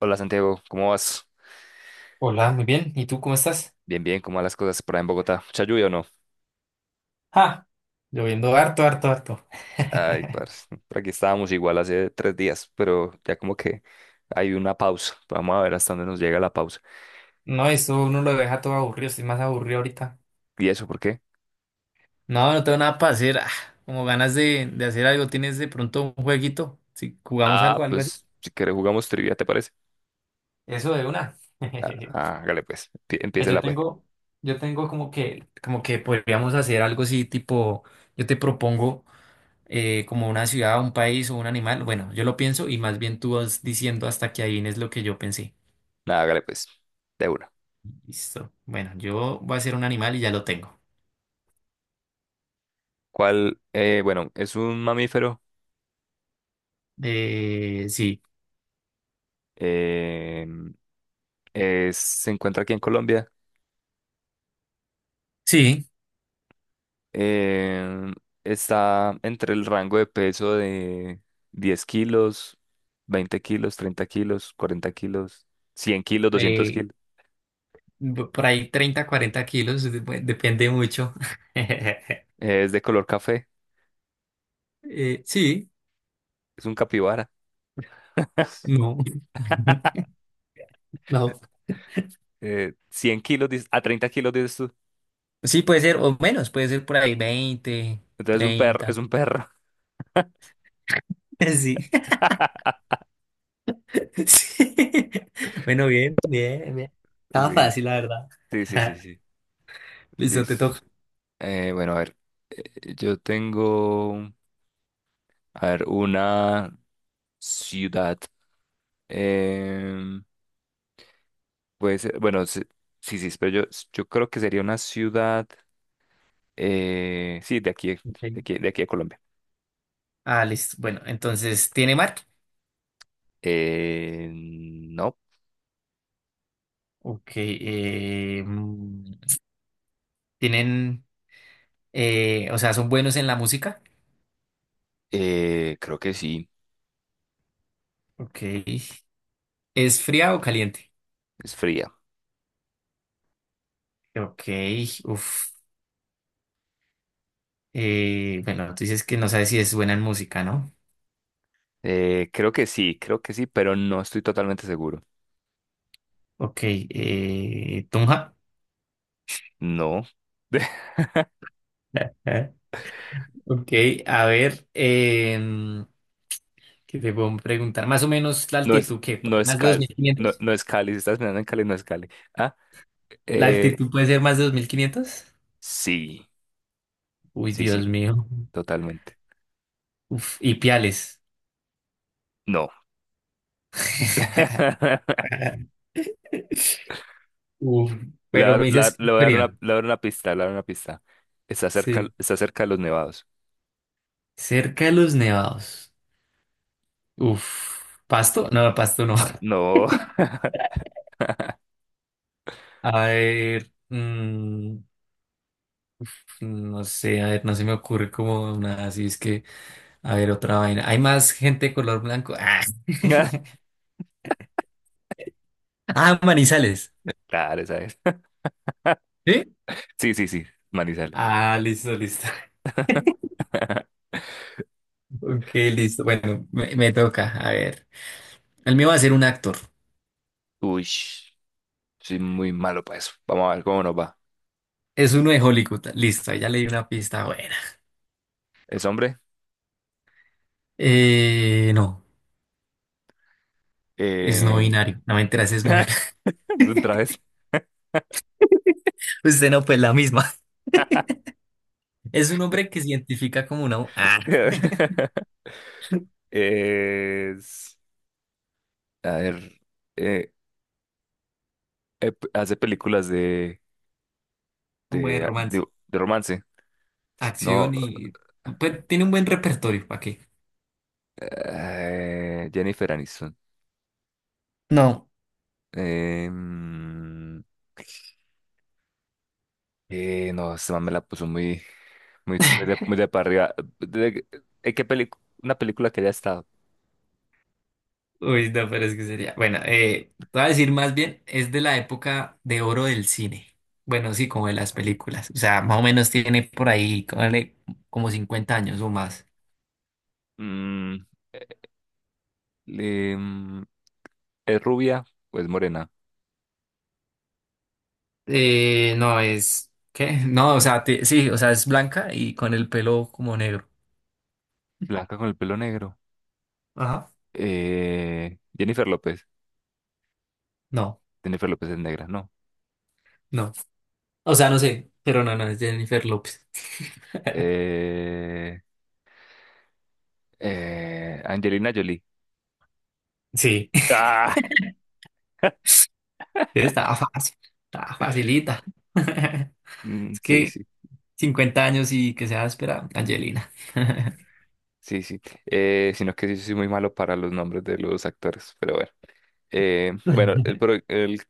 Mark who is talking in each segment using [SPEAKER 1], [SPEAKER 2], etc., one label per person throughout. [SPEAKER 1] Hola Santiago, ¿cómo vas?
[SPEAKER 2] Hola, muy bien. ¿Y tú cómo estás?
[SPEAKER 1] Bien, bien, ¿cómo van las cosas por ahí en Bogotá? ¿Mucha lluvia o no?
[SPEAKER 2] ¡Ja! Lloviendo harto, harto, harto.
[SPEAKER 1] Ay, parce, por aquí estábamos igual hace 3 días, pero ya como que hay una pausa. Vamos a ver hasta dónde nos llega la pausa.
[SPEAKER 2] No, eso uno lo deja todo aburrido. Estoy más aburrido ahorita.
[SPEAKER 1] ¿Y eso por qué?
[SPEAKER 2] No, no tengo nada para hacer. Ah, como ganas de hacer algo. ¿Tienes de pronto un jueguito? Si jugamos
[SPEAKER 1] Ah,
[SPEAKER 2] algo, algo así.
[SPEAKER 1] pues si quieres jugamos trivia, ¿te parece?
[SPEAKER 2] Eso de una.
[SPEAKER 1] Ah, ah, hágale pues,
[SPEAKER 2] Pues yo
[SPEAKER 1] empiécela pues.
[SPEAKER 2] tengo, yo tengo como que podríamos hacer algo así, tipo, yo te propongo como una ciudad, un país o un animal. Bueno, yo lo pienso y más bien tú vas diciendo hasta que adivines lo que yo pensé.
[SPEAKER 1] Nada, hágale pues, de una.
[SPEAKER 2] Listo. Bueno, yo voy a hacer un animal y ya lo tengo.
[SPEAKER 1] ¿Cuál? Bueno, es un mamífero.
[SPEAKER 2] Sí,
[SPEAKER 1] eh, se encuentra aquí en Colombia.
[SPEAKER 2] sí.
[SPEAKER 1] Em, Está entre el rango de peso de 10 kilos, 20 kilos, 30 kilos, 40 kilos, 100 kilos, 200
[SPEAKER 2] eh,
[SPEAKER 1] kilos.
[SPEAKER 2] por ahí 30 40 kilos, depende mucho.
[SPEAKER 1] Es de color café,
[SPEAKER 2] Sí,
[SPEAKER 1] es un capibara.
[SPEAKER 2] no. No.
[SPEAKER 1] 100 kilos, a 30 kilos dices tú.
[SPEAKER 2] Sí, puede ser, o menos, puede ser por ahí 20
[SPEAKER 1] Entonces es un perro,
[SPEAKER 2] 30.
[SPEAKER 1] es un perro.
[SPEAKER 2] Sí, sí. Bueno, bien, bien, bien. Estaba
[SPEAKER 1] Liz.
[SPEAKER 2] fácil, la verdad.
[SPEAKER 1] Sí, sí, sí, sí.
[SPEAKER 2] Listo, te
[SPEAKER 1] Liz.
[SPEAKER 2] toca.
[SPEAKER 1] Bueno, a ver, yo tengo, a ver, una ciudad. Em, Puede ser, bueno, sí, sí, pero yo creo que sería una ciudad, sí, de aquí,
[SPEAKER 2] Ok.
[SPEAKER 1] de aquí a Colombia.
[SPEAKER 2] Ah, listo. Bueno, entonces, ¿tiene marca?
[SPEAKER 1] No,
[SPEAKER 2] Ok. ¿Tienen? O sea, son buenos en la música.
[SPEAKER 1] creo que sí,
[SPEAKER 2] Ok. ¿Es fría o caliente?
[SPEAKER 1] es fría.
[SPEAKER 2] Ok. Uf. Bueno, tú dices que no sabes si es buena en música, ¿no?
[SPEAKER 1] Creo que sí, creo que sí, pero no estoy totalmente seguro.
[SPEAKER 2] Ok. Tunja.
[SPEAKER 1] No,
[SPEAKER 2] Ok. A ver. ¿Qué te puedo preguntar? Más o menos la
[SPEAKER 1] no es,
[SPEAKER 2] altitud, ¿qué?
[SPEAKER 1] no es
[SPEAKER 2] ¿Más de dos
[SPEAKER 1] Cali,
[SPEAKER 2] mil
[SPEAKER 1] no,
[SPEAKER 2] quinientos
[SPEAKER 1] no es Cali, si estás mirando en Cali, no es Cali. Ah,
[SPEAKER 2] ¿La
[SPEAKER 1] eh,
[SPEAKER 2] altitud puede ser más de 2.500?
[SPEAKER 1] sí,
[SPEAKER 2] Uy,
[SPEAKER 1] sí,
[SPEAKER 2] Dios
[SPEAKER 1] sí,
[SPEAKER 2] mío.
[SPEAKER 1] totalmente.
[SPEAKER 2] Uf. Y piales.
[SPEAKER 1] No.
[SPEAKER 2] Uf.
[SPEAKER 1] Le, voy
[SPEAKER 2] Pero
[SPEAKER 1] a dar
[SPEAKER 2] me dices
[SPEAKER 1] la-
[SPEAKER 2] que es
[SPEAKER 1] le voy a dar una,
[SPEAKER 2] fría.
[SPEAKER 1] le voy a dar una pista,
[SPEAKER 2] Sí.
[SPEAKER 1] está cerca de los nevados.
[SPEAKER 2] Cerca de los nevados. Uf. ¿Pasto? No, pasto no.
[SPEAKER 1] No.
[SPEAKER 2] A ver, no sé, a ver, no se me ocurre como una, así es que, a ver, otra vaina. ¿Hay más gente de color blanco? Ah, ah, Manizales.
[SPEAKER 1] Claro, esa es.
[SPEAKER 2] ¿Sí?
[SPEAKER 1] Sí, sí, sí. Manizales.
[SPEAKER 2] Ah, listo, listo. Ok, listo. Bueno, me toca. A ver. El mío va a ser un actor.
[SPEAKER 1] Uy, soy muy malo para eso. Vamos a ver cómo nos va.
[SPEAKER 2] Es uno de Hollywood. Listo, ahí ya le di una pista buena.
[SPEAKER 1] ¿Es hombre?
[SPEAKER 2] No, es no
[SPEAKER 1] Eh...
[SPEAKER 2] binario. No me enteras, es mujer.
[SPEAKER 1] Otra vez.
[SPEAKER 2] Usted no, pues la misma. Es un hombre que se identifica como una, ah,
[SPEAKER 1] Es. A ver. eh, Hace películas de,
[SPEAKER 2] un buen
[SPEAKER 1] de, de,
[SPEAKER 2] romance,
[SPEAKER 1] de romance. No.
[SPEAKER 2] acción y pues, tiene un buen repertorio, ¿para qué?
[SPEAKER 1] Jennifer Aniston.
[SPEAKER 2] No,
[SPEAKER 1] Em, no, esta man me la puso muy, muy, muy de para arriba. De- Una película que ya está.
[SPEAKER 2] Uy, no, pero es que sería. Bueno, te voy a decir más bien, es de la época de oro del cine. Bueno, sí, como de las películas. O sea, más o menos tiene por ahí, cónale, como 50 años o más.
[SPEAKER 1] Mm, em, ¿Es rubia o es morena?
[SPEAKER 2] No, es. ¿Qué? No, o sea, sí, o sea, es blanca y con el pelo como negro.
[SPEAKER 1] Blanca con el pelo negro.
[SPEAKER 2] Ajá.
[SPEAKER 1] Jennifer López.
[SPEAKER 2] No,
[SPEAKER 1] Jennifer López es negra, no.
[SPEAKER 2] no. O sea, no sé, pero no, no, es Jennifer López.
[SPEAKER 1] Eh, Angelina Jolie.
[SPEAKER 2] Sí.
[SPEAKER 1] Ah,
[SPEAKER 2] Estaba fácil, estaba facilita. Es
[SPEAKER 1] sí,
[SPEAKER 2] que
[SPEAKER 1] sí,
[SPEAKER 2] 50 años y que se va a esperar, Angelina.
[SPEAKER 1] sí, sí. Sino que sí sí, soy muy malo para los nombres de los actores, pero bueno. Bueno,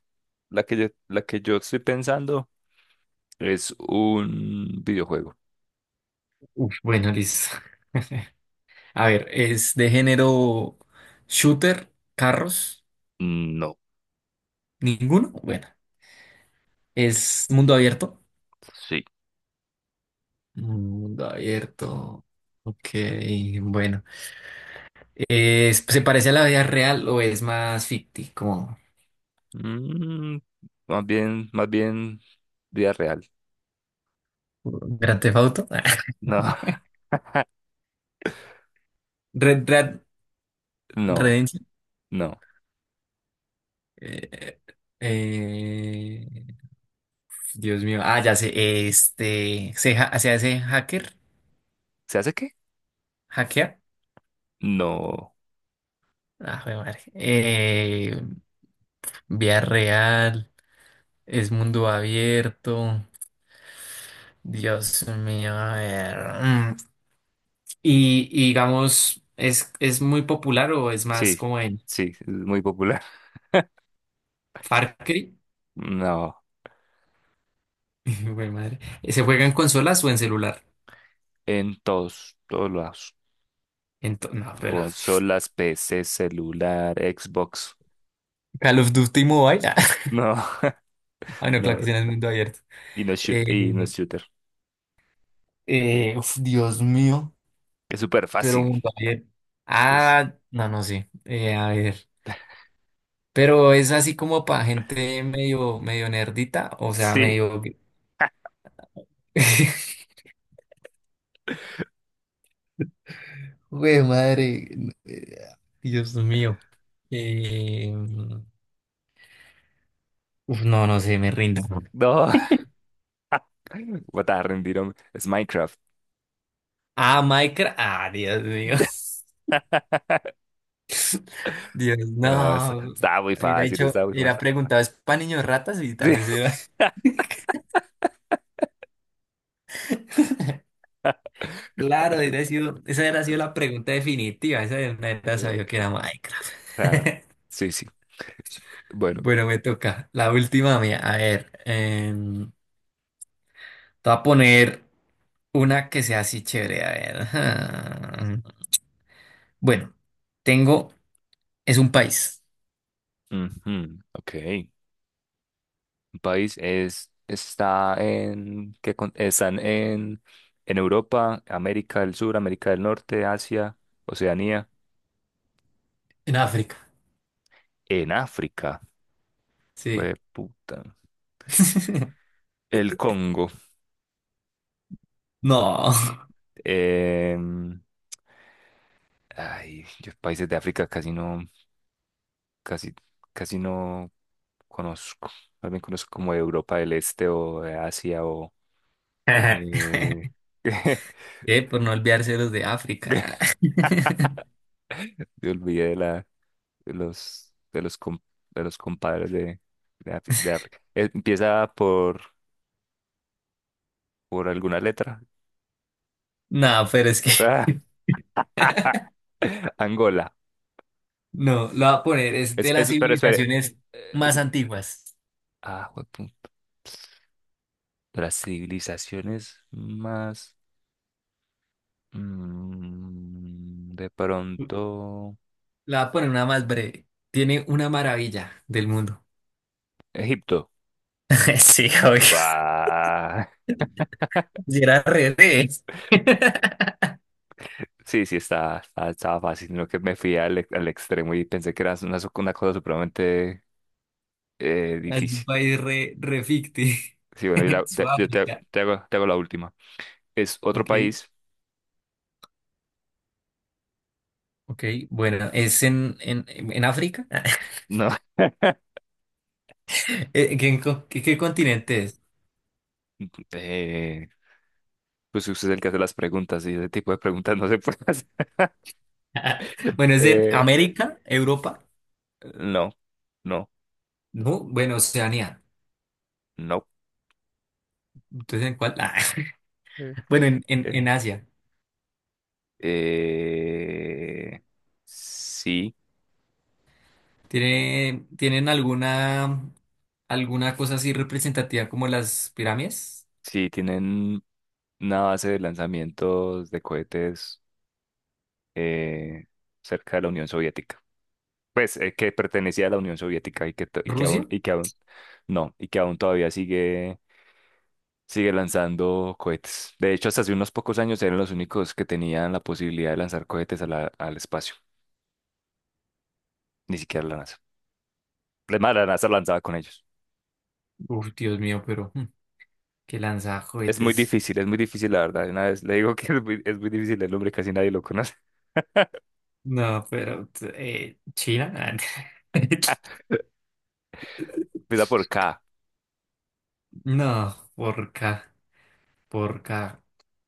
[SPEAKER 1] la que yo estoy pensando es un videojuego.
[SPEAKER 2] Uf, bueno, listo. A ver, es de género shooter, carros,
[SPEAKER 1] No,
[SPEAKER 2] ninguno. Bueno, es mundo abierto.
[SPEAKER 1] sí.
[SPEAKER 2] Mundo abierto. Ok, bueno. ¿Se parece a la vida real o es más ficti? Como
[SPEAKER 1] Mm, Más bien, más bien vida real.
[SPEAKER 2] Grand Theft Auto.
[SPEAKER 1] No,
[SPEAKER 2] Red Dead
[SPEAKER 1] no,
[SPEAKER 2] Redemption.
[SPEAKER 1] no.
[SPEAKER 2] Eh, eh, Dios mío. Ah, ya sé. Este. Se hace hacker.
[SPEAKER 1] ¿Se hace qué?
[SPEAKER 2] Hackear.
[SPEAKER 1] No.
[SPEAKER 2] Ah, jue madre. Vía real. Es mundo abierto. Dios mío. A ver. Mm. Y digamos, ¿es muy popular o es
[SPEAKER 1] Sí,
[SPEAKER 2] más como en
[SPEAKER 1] sí, es muy popular.
[SPEAKER 2] Far Cry?
[SPEAKER 1] No,
[SPEAKER 2] Jue madre. ¿Se juega en consolas o en celular?
[SPEAKER 1] en todos, todos lados.
[SPEAKER 2] No, pero.
[SPEAKER 1] Consolas, PC celular, Xbox.
[SPEAKER 2] Call of Duty Mobile.
[SPEAKER 1] No.
[SPEAKER 2] Ah, no, claro
[SPEAKER 1] No,
[SPEAKER 2] que sí, en el mundo abierto.
[SPEAKER 1] y no es
[SPEAKER 2] Eh,
[SPEAKER 1] shooter.
[SPEAKER 2] Uf, Dios mío,
[SPEAKER 1] Es súper
[SPEAKER 2] pero
[SPEAKER 1] fácil.
[SPEAKER 2] mundo abierto.
[SPEAKER 1] Es-
[SPEAKER 2] Ah, no, no sé. A ver. Pero es así como para gente medio, medio nerdita, o sea,
[SPEAKER 1] Sí.
[SPEAKER 2] medio. Güey, madre. eh, Dios mío. Eh, Uf, no, no sé, me rindo.
[SPEAKER 1] No. Voy a rendir, hombre. Es Minecraft.
[SPEAKER 2] Ah, Minecraft. Ah, Dios mío. Dios,
[SPEAKER 1] No,
[SPEAKER 2] no.
[SPEAKER 1] está muy
[SPEAKER 2] Hubiera
[SPEAKER 1] fácil, está
[SPEAKER 2] dicho,
[SPEAKER 1] muy
[SPEAKER 2] hubiera
[SPEAKER 1] fácil.
[SPEAKER 2] preguntado, ¿es para niños ratas? Y tal vez
[SPEAKER 1] Sí.
[SPEAKER 2] era. Claro, esa, ha sido, esa era ha sido la pregunta definitiva. Esa de una era
[SPEAKER 1] Eh,
[SPEAKER 2] sabía que era Minecraft.
[SPEAKER 1] Claro. Sí, sí. Bueno.
[SPEAKER 2] Bueno, me toca. La última mía. A ver, te voy a poner una que sea así chévere. A ver. Ajá. Bueno, tengo. Es un país.
[SPEAKER 1] Ujú, ok. Un país está en, están en, Europa, América del Sur, América del Norte, Asia, Oceanía,
[SPEAKER 2] En África.
[SPEAKER 1] en África.
[SPEAKER 2] Sí.
[SPEAKER 1] Fue puta. El Congo.
[SPEAKER 2] No.
[SPEAKER 1] Em, Ay, yo países de África casi no, casi, casi no conozco. Más bien conozco como de Europa del Este o de Asia, o eh,
[SPEAKER 2] Por no olvidarse de los de África.
[SPEAKER 1] me olvidé de la de los com- de los compadres de África. Empieza por alguna letra.
[SPEAKER 2] No, pero es que.
[SPEAKER 1] Ah, Angola.
[SPEAKER 2] No, lo voy a poner. Es de las
[SPEAKER 1] Pero espere.
[SPEAKER 2] civilizaciones más
[SPEAKER 1] Es,
[SPEAKER 2] antiguas.
[SPEAKER 1] ah, de las civilizaciones más. De pronto,
[SPEAKER 2] La voy a poner una más breve. Tiene una maravilla del mundo.
[SPEAKER 1] Egipto.
[SPEAKER 2] Sí, obvio.
[SPEAKER 1] Ah,
[SPEAKER 2] Si era re re.
[SPEAKER 1] sí, sí, estaba fácil, sino que me fui al extremo y pensé que era una cosa supremamente
[SPEAKER 2] Es un
[SPEAKER 1] difícil.
[SPEAKER 2] país re, re ficti.
[SPEAKER 1] Sí, bueno, y la- te- yo te,
[SPEAKER 2] Sudáfrica.
[SPEAKER 1] te hago la última. ¿Es otro
[SPEAKER 2] Ok,
[SPEAKER 1] país?
[SPEAKER 2] ok. Bueno, es en África.
[SPEAKER 1] No.
[SPEAKER 2] ¿Qué continente es?
[SPEAKER 1] Eh, pues usted es el que hace las preguntas y ese tipo de preguntas no se puede hacer.
[SPEAKER 2] Bueno, es en
[SPEAKER 1] Eh,
[SPEAKER 2] América, Europa.
[SPEAKER 1] no, no,
[SPEAKER 2] No, bueno, Oceanía.
[SPEAKER 1] no.
[SPEAKER 2] Entonces, ¿en cuál?
[SPEAKER 1] Mm.
[SPEAKER 2] Ah, bueno, en
[SPEAKER 1] Eh,
[SPEAKER 2] Asia.
[SPEAKER 1] eh, sí.
[SPEAKER 2] ¿Tienen alguna cosa así representativa como las pirámides?
[SPEAKER 1] Sí, tienen una base de lanzamientos de cohetes eh, cerca de la Unión Soviética. Pues que pertenecía a la Unión Soviética y
[SPEAKER 2] ¿Rusia?
[SPEAKER 1] no, y que aún todavía sigue lanzando cohetes. De hecho, hasta hace unos pocos años eran los únicos que tenían la posibilidad de lanzar cohetes al espacio, ni siquiera la NASA. Además, la NASA lanzaba con ellos.
[SPEAKER 2] Uf, Dios mío, pero que lanza cohetes.
[SPEAKER 1] Es muy difícil, la verdad. Una vez le digo que es muy difícil el nombre, casi nadie lo conoce.
[SPEAKER 2] No, pero China.
[SPEAKER 1] Empieza por K.
[SPEAKER 2] No, porca, porca.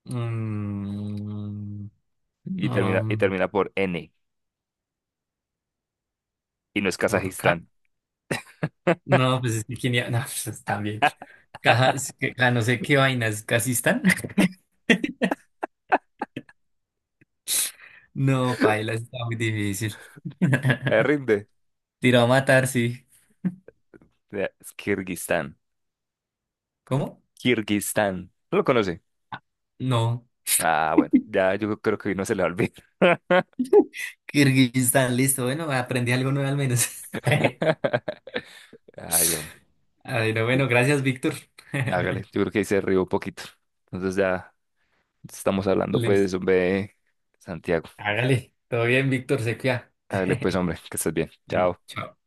[SPEAKER 2] Mm,
[SPEAKER 1] y termina, y
[SPEAKER 2] no,
[SPEAKER 1] termina por N, y no es
[SPEAKER 2] porca.
[SPEAKER 1] Kazajistán.
[SPEAKER 2] No, pues es que quién iba- No, pues también. Caja, es que- ja, no sé qué vainas, casi están. No, paila, está muy difícil.
[SPEAKER 1] Me rinde.
[SPEAKER 2] Tiró a matar, sí.
[SPEAKER 1] Ya, es Kirguistán.
[SPEAKER 2] ¿Cómo?
[SPEAKER 1] Kirguistán. ¿No lo conoce?
[SPEAKER 2] No.
[SPEAKER 1] Ah, bueno, ya yo creo que hoy no se le va a olvidar.
[SPEAKER 2] Kirguistán, listo. Bueno, aprendí algo nuevo al menos.
[SPEAKER 1] Ay, hombre.
[SPEAKER 2] Ay, no,
[SPEAKER 1] Sí,
[SPEAKER 2] bueno, gracias, Víctor.
[SPEAKER 1] hágale. Yo creo que ahí se rió un poquito. Entonces ya estamos hablando,
[SPEAKER 2] Listo.
[SPEAKER 1] pues, hombre, Santiago.
[SPEAKER 2] Hágale. Todo bien, Víctor, se cuida.
[SPEAKER 1] Hágale, pues, hombre, que estés bien.
[SPEAKER 2] Bueno,
[SPEAKER 1] Chao.
[SPEAKER 2] chao.